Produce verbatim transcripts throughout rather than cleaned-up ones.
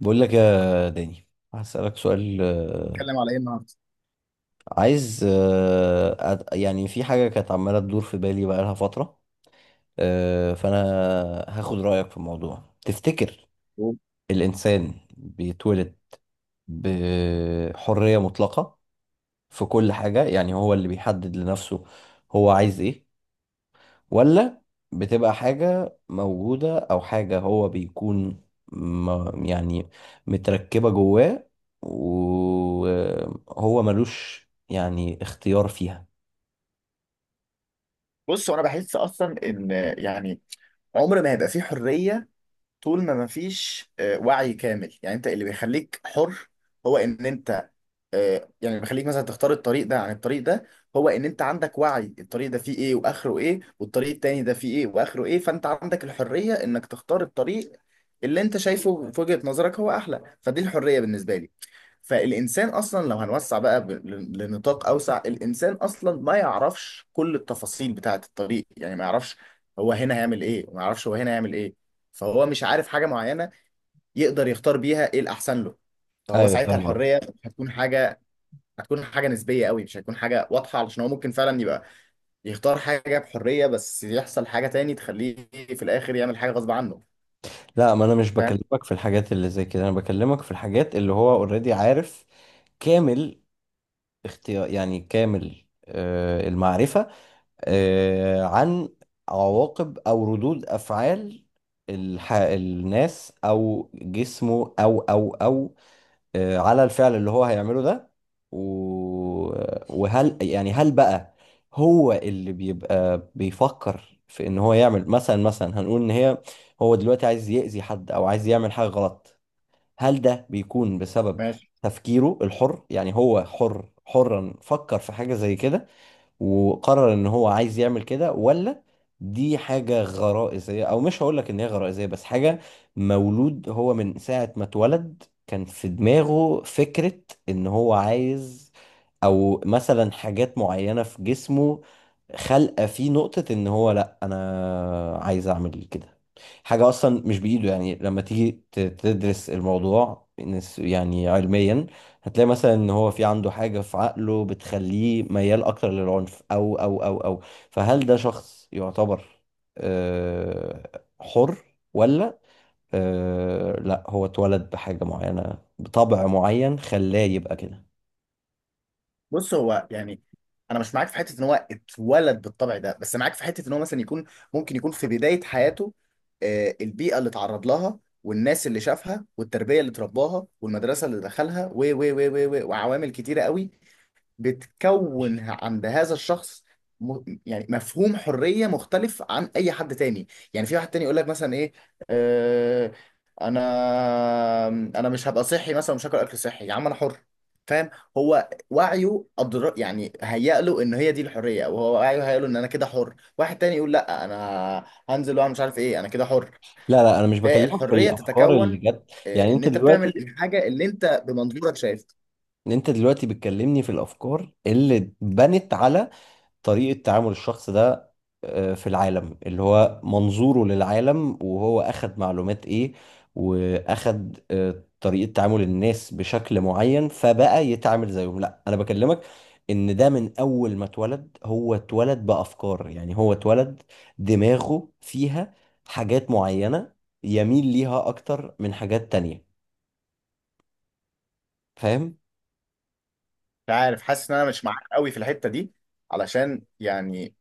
بقول لك يا داني، هسألك سؤال. آه، هنتكلم على ايه النهارده؟ عايز آه، أد- يعني في حاجة كانت عمالة تدور في بالي بقالها فترة. آه، فأنا هاخد رأيك في الموضوع. تفتكر الإنسان بيتولد بحرية مطلقة في كل حاجة؟ يعني هو اللي بيحدد لنفسه هو عايز إيه، ولا بتبقى حاجة موجودة أو حاجة هو بيكون م- يعني متركبة جواه وهو ملوش يعني اختيار فيها؟ بص، هو انا بحس اصلا ان يعني عمر ما هيبقى فيه حريه طول ما مفيش آه، وعي كامل. يعني انت اللي بيخليك حر هو ان انت، آه، يعني اللي بيخليك مثلا تختار الطريق ده عن الطريق ده، هو ان انت عندك وعي الطريق ده فيه ايه واخره ايه، والطريق التاني ده فيه ايه واخره ايه، فانت عندك الحرية انك تختار الطريق اللي انت شايفه في وجهة نظرك هو احلى. فدي الحرية بالنسبة لي. فالانسان اصلا لو هنوسع بقى ب- ل- لنطاق اوسع، الانسان اصلا ما يعرفش كل التفاصيل بتاعة الطريق، يعني ما يعرفش هو هنا هيعمل ايه وما يعرفش هو هنا هيعمل ايه. فهو مش عارف حاجة معينة يقدر يختار بيها ايه الأحسن له. فهو ايوه، ساعتها فاهم قصدك. الحرية هتكون حاجة، هتكون حاجة نسبية قوي، مش هتكون حاجة واضحة، علشان هو ممكن فعلا يبقى يختار حاجة بحرية بس يحصل حاجة تاني تخليه في الآخر يعمل حاجة غصب عنه. لا، ما انا مش فاهم؟ بكلمك في الحاجات اللي زي كده، انا بكلمك في الحاجات اللي هو اوريدي عارف كامل، اختيار يعني كامل. آه، المعرفة آه، عن عواقب أو ردود أفعال الح... الناس أو جسمه أو أو أو آه، على الفعل اللي هو هيعمله ده. و... وهل يعني، هل بقى هو اللي بيبقى بيفكر في إن هو يعمل، مثلا مثلا هنقول إن هي، هو دلوقتي عايز يأذي حد أو عايز يعمل حاجة غلط، هل ده بيكون بسبب ماشي. تفكيره الحر؟ يعني هو حر، حرا فكر في حاجة زي كده وقرر ان هو عايز يعمل كده، ولا دي حاجة غرائزية، او مش هقول لك ان هي غرائزية بس حاجة مولود هو من ساعة ما اتولد كان في دماغه فكرة ان هو عايز، او مثلا حاجات معينة في جسمه خلقة فيه نقطة ان هو، لا انا عايز اعمل كده، حاجة اصلا مش بايده. يعني لما تيجي ت- تدرس الموضوع نس- يعني علميا، هتلاقي مثلا ان هو في عنده حاجة في عقله بتخليه ميال اكتر للعنف او او او او. فهل ده شخص يعتبر آه، حر، ولا آه، لا، هو اتولد بحاجة معينة بطبع معين خلاه يبقى كده؟ بص، هو يعني أنا مش معاك في حتة إن هو اتولد بالطبع ده، بس معاك في حتة إن هو مثلا يكون ممكن يكون في بداية حياته آه، البيئة اللي اتعرض لها والناس اللي شافها والتربية اللي اترباها والمدرسة اللي دخلها و و و و و- وعوامل كتيرة قوي بتكون عند هذا الشخص. م... يعني مفهوم حرية مختلف عن أي حد تاني. يعني في واحد تاني يقول لك مثلا إيه، آه... أنا أنا مش هبقى صحي مثلا، مش هاكل أكل صحي يا عم أنا حر. فاهم؟ هو وعيه أدر... يعني هيأ له إن هي دي الحرية، أو هو وعيه هيأ له إن أنا كده حر. واحد تاني يقول لأ، أنا هنزل وأعمل مش عارف إيه أنا كده حر. لا لا، انا مش بكلمك في فالحرية الافكار اللي تتكون جت، يعني آه، إن انت أنت بتعمل دلوقتي الحاجة اللي أنت بمنظورك شايف. انت دلوقتي بتكلمني في الافكار اللي بنت على طريقة تعامل الشخص ده آه، في العالم، اللي هو منظوره للعالم وهو أخد معلومات إيه وأخد آه، طريقة تعامل الناس بشكل معين فبقى يتعامل زيهم. لا، أنا بكلمك إن ده من أول ما اتولد، هو اتولد بأفكار، يعني هو اتولد دماغه فيها حاجات معينة يميل ليها أكتر من حاجات تانية. فاهم؟ مش عارف، حاسس ان انا مش معاك قوي في الحته دي علشان يعني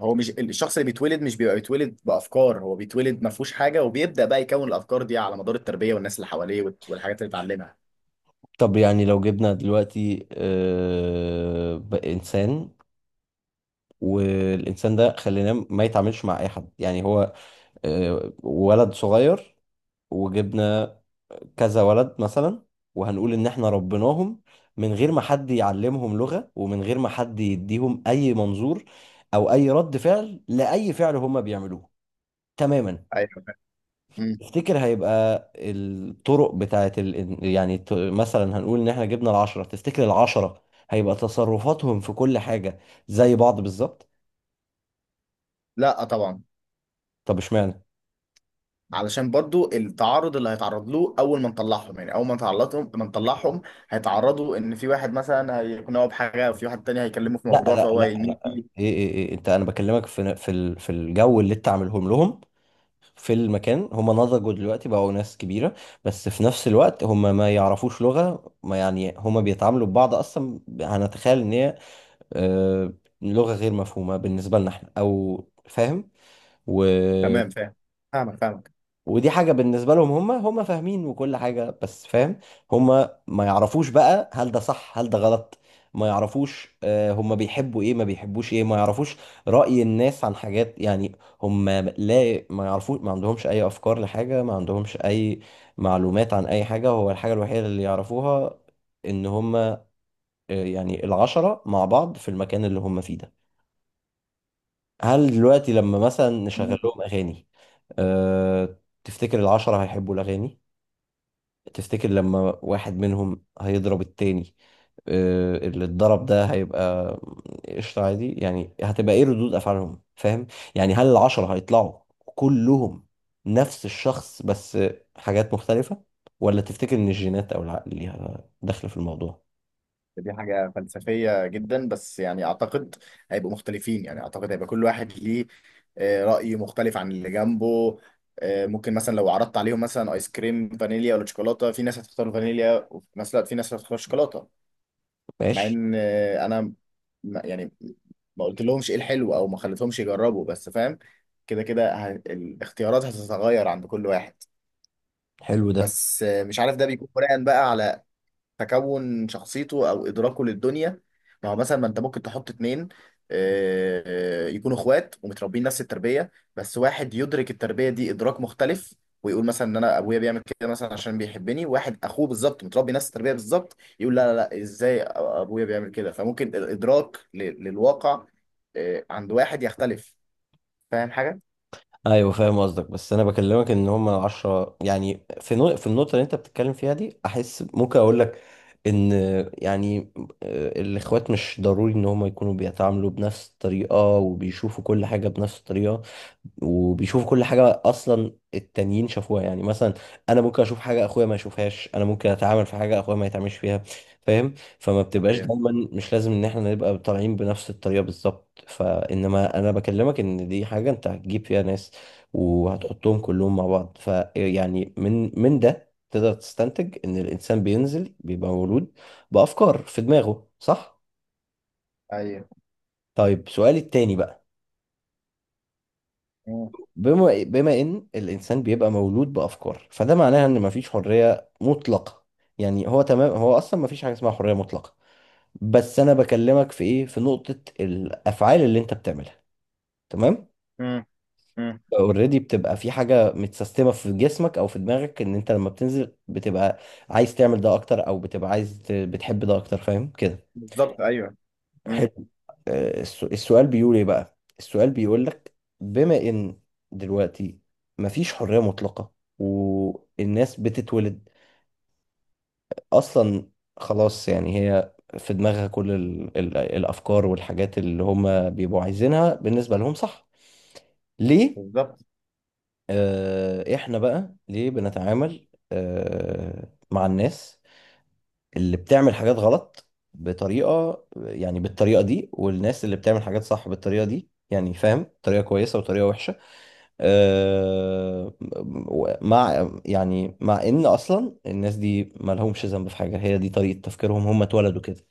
هو مش الشخص اللي بيتولد، مش بيبقى بيتولد بافكار، هو بيتولد ما فيهوش حاجه وبيبدا بقى يكون الافكار دي على مدار التربيه والناس اللي حواليه وال- والحاجات اللي اتعلمها. طب يعني لو جبنا دلوقتي آه، بقى إنسان، والانسان ده خليناه ما يتعاملش مع اي حد، يعني هو آه، ولد صغير، وجبنا كذا ولد مثلا، وهنقول ان احنا ربيناهم من غير ما حد يعلمهم لغة، ومن غير ما حد يديهم اي منظور او اي رد فعل لاي فعل هم بيعملوه تماما. ايوه فاهم. مم. تفتكر هيبقى الطرق بتاعت ال... يعني، ت- مثلا هنقول ان احنا جبنا العشرة، تفتكر العشرة هيبقى تصرفاتهم في كل حاجة زي بعض بالظبط؟ لا آه طبعا. طب اشمعنى؟ علشان برضو التعرض اللي هيتعرض له اول ما نطلعهم، يعني اول ما نطلعهم ما نطلعهم هيتعرضوا ان في واحد مثلا هيقنعه بحاجه وفي واحد تاني هيكلمه في لا لا موضوع فهو لا يميل لا فيه. ايه ايه ايه انت، انا بكلمك في في ال- في الجو اللي انت عاملهم لهم في المكان. هم نضجوا دلوقتي، بقوا ناس كبيرة، بس في نفس الوقت هم ما يعرفوش لغة ما، يعني هم بيتعاملوا ببعض اصلا هنتخيل ان هي آه، لغة غير مفهومة بالنسبة لنا احنا، او فاهم، تمام، فاهم، فاهمك ودي حاجة بالنسبة لهم هم هم فاهمين وكل حاجة. بس فاهم، هم ما يعرفوش بقى هل ده صح هل ده غلط، ما يعرفوش آه، هم بيحبوا ايه ما بيحبوش ايه، ما يعرفوش رأي الناس عن حاجات. يعني هم لا، ما يعرفوش، ما عندهمش اي افكار لحاجة، ما عندهمش اي معلومات عن اي حاجة. هو الحاجة الوحيدة اللي يعرفوها ان هم آه، يعني العشرة مع بعض في المكان اللي هم فيه ده. هل دلوقتي لما مثلا نشغل فاهمك لهم اغاني، أه، تفتكر العشرة هيحبوا الاغاني؟ تفتكر لما واحد منهم هيضرب التاني، آه، اللي اتضرب ده هيبقى قشطة عادي؟ يعني هتبقى ايه ردود افعالهم فاهم؟ يعني هل العشرة هيطلعوا كلهم نفس الشخص، بس حاجات مختلفة، ولا تفتكر ان الجينات او العقل ليها دخل في الموضوع؟ دي حاجة فلسفية جدا، بس يعني أعتقد هيبقوا مختلفين. يعني أعتقد هيبقى كل واحد ليه آه، رأي مختلف عن اللي جنبه. آه، ممكن مثلا لو عرضت عليهم مثلا آيس كريم فانيليا ولا شوكولاتة، في ناس هتختار فانيليا، ومثلا في ناس هتختار شوكولاتة. مع ماشي. إن آه، أنا ما- يعني ما قلت لهمش إيه الحلو أو ما خليتهمش يجربوا، بس فاهم، كده كده ه- الاختيارات هتتغير عند كل واحد. حلو ده. بس آه، مش عارف، ده بيكون بناء بقى على تكون شخصيته او ادراكه للدنيا. ما هو مثلا ما انت ممكن تحط اتنين آه، آه، يكونوا اخوات ومتربيين نفس التربيه، بس واحد يدرك التربيه دي ادراك مختلف ويقول مثلا ان انا ابويا بيعمل كده مثلا عشان بيحبني، واحد اخوه بالظبط متربي نفس التربيه بالظبط يقول لا لا لا ازاي ابويا بيعمل كده. فممكن الادراك ل- للواقع آه، عند واحد يختلف. فاهم حاجه؟ ايوه فاهم قصدك، بس انا بكلمك ان هم العشرة، يعني في نو... في النقطه اللي انت بتتكلم فيها دي احس ممكن اقول لك ان يعني آه، الاخوات مش ضروري ان هم يكونوا بيتعاملوا بنفس الطريقه وبيشوفوا كل حاجه بنفس الطريقه وبيشوفوا كل حاجه اصلا التانيين شافوها. يعني مثلا انا ممكن اشوف حاجه اخويا ما يشوفهاش، انا ممكن اتعامل في حاجه اخويا ما يتعاملش فيها. فاهم؟ فما بتبقاش ايوه دايما، مش لازم ان احنا نبقى طالعين بنفس الطريقه بالظبط. فانما انا بكلمك ان دي حاجه انت هتجيب فيها ناس وهتحطهم كلهم مع بعض، فيعني من من ده تقدر تستنتج ان الانسان بينزل بيبقى مولود بافكار في دماغه، صح؟ ايوه. طيب سؤالي التاني بقى، مم. بما بما ان الانسان بيبقى مولود بافكار، فده معناها ان مفيش حريه مطلقه. يعني هو تمام، هو اصلا مفيش حاجه اسمها حريه مطلقه. بس انا بكلمك في ايه، في نقطه الافعال اللي انت بتعملها. تمام؟ مم. مم. اوريدي بتبقى في حاجة متسيستمة في جسمك او في دماغك ان انت لما بتنزل بتبقى عايز تعمل ده اكتر، او بتبقى عايز ت- بتحب ده اكتر. فاهم كده؟ بالظبط، ايوه. مم. حلو. آه، السو- السؤال بيقول ايه بقى، السؤال بيقول لك، بما ان دلوقتي مفيش حرية مطلقة، والناس بتتولد اصلا خلاص، يعني هي في دماغها كل ال ال الافكار والحاجات اللي هم بيبقوا عايزينها بالنسبة لهم، صح؟ ليه بالظبط. آه، احنا بقى ليه بنتعامل آه، مع الناس اللي بتعمل حاجات غلط بطريقة، يعني بالطريقة دي، والناس اللي بتعمل حاجات صح بالطريقة دي، يعني فاهم طريقة كويسة وطريقة وحشة، آه، مع يعني مع ان اصلا الناس دي ما لهمش ذنب في حاجة، هي دي طريقة تفكيرهم، هم اتولدوا كده.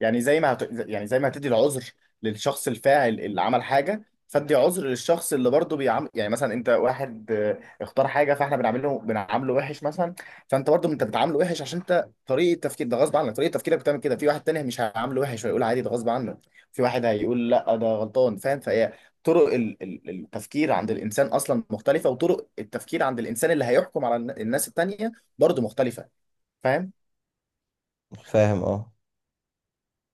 يعني زي ما هت... يعني زي ما هتدي العذر للشخص الفاعل اللي عمل حاجه، فادي عذر للشخص اللي برضه بيعمل. يعني مثلا انت واحد آه، اختار حاجه، فاحنا بنعمله بنعامله وحش مثلا. فانت برضه انت بتعامله وحش عشان انت طريقه تفكير ده غصب عنك، طريقه تفكيرك بتعمل كده. في واحد تاني مش هيعامله وحش ويقول عادي ده غصب عنك، في واحد هيقول لا ده غلطان. فاهم؟ فهي طرق ال- ال- التفكير عند الانسان اصلا مختلفه، وطرق التفكير عند الانسان اللي هيحكم على الن- الناس التانيه برضه مختلفه. فاهم؟ فاهم؟ اه.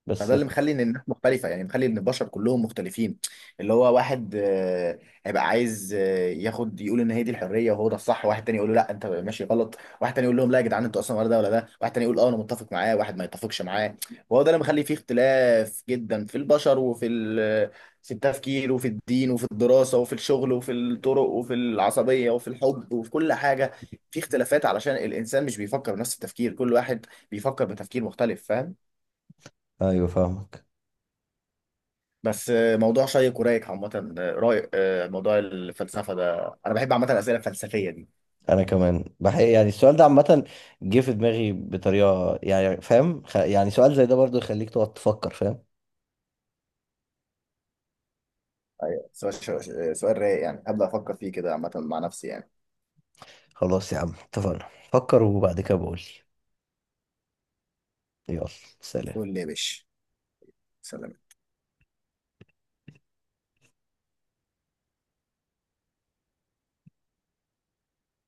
بس، فده اللي مخلي ان الناس مختلفه، يعني مخلي ان البشر كلهم مختلفين. اللي هو واحد آه، هيبقى عايز آه، ياخد يقول ان هي دي الحريه وهو ده الصح، واحد تاني يقول له لا انت ماشي غلط، واحد تاني يقول لهم لا يا جدعان انتوا اصلا ولا ده ولا ده، واحد تاني يقول اه انا متفق معاه، واحد ما يتفقش معاه. وهو ده اللي مخلي فيه اختلاف جدا في البشر وفي ال- في التفكير وفي الدين وفي الدراسه وفي الشغل وفي الطرق وفي العصبيه وفي الحب وفي كل حاجه. في اختلافات علشان الانسان مش بيفكر بنفس التفكير، كل واحد بيفكر بتفكير مختلف. فاهم؟ ايوه فاهمك. بس آه، موضوع شيق ورايق عامة. آه، رايق. آه، موضوع الفلسفة ده أنا بحب عامة الأسئلة الفلسفية دي. انا كمان بحقيقة يعني السؤال ده عامة جه في دماغي بطريقة يعني فاهم، خ... يعني سؤال زي ده برضو يخليك تقعد تفكر، فاهم. أيوة. سؤال سؤال رايق، يعني هبدأ أفكر فيه كده عامة مع نفسي يعني. خلاص يا عم، اتفقنا، فكر وبعد كده بقول لي. يلا، سلام. قول لي يا باشا. سلام.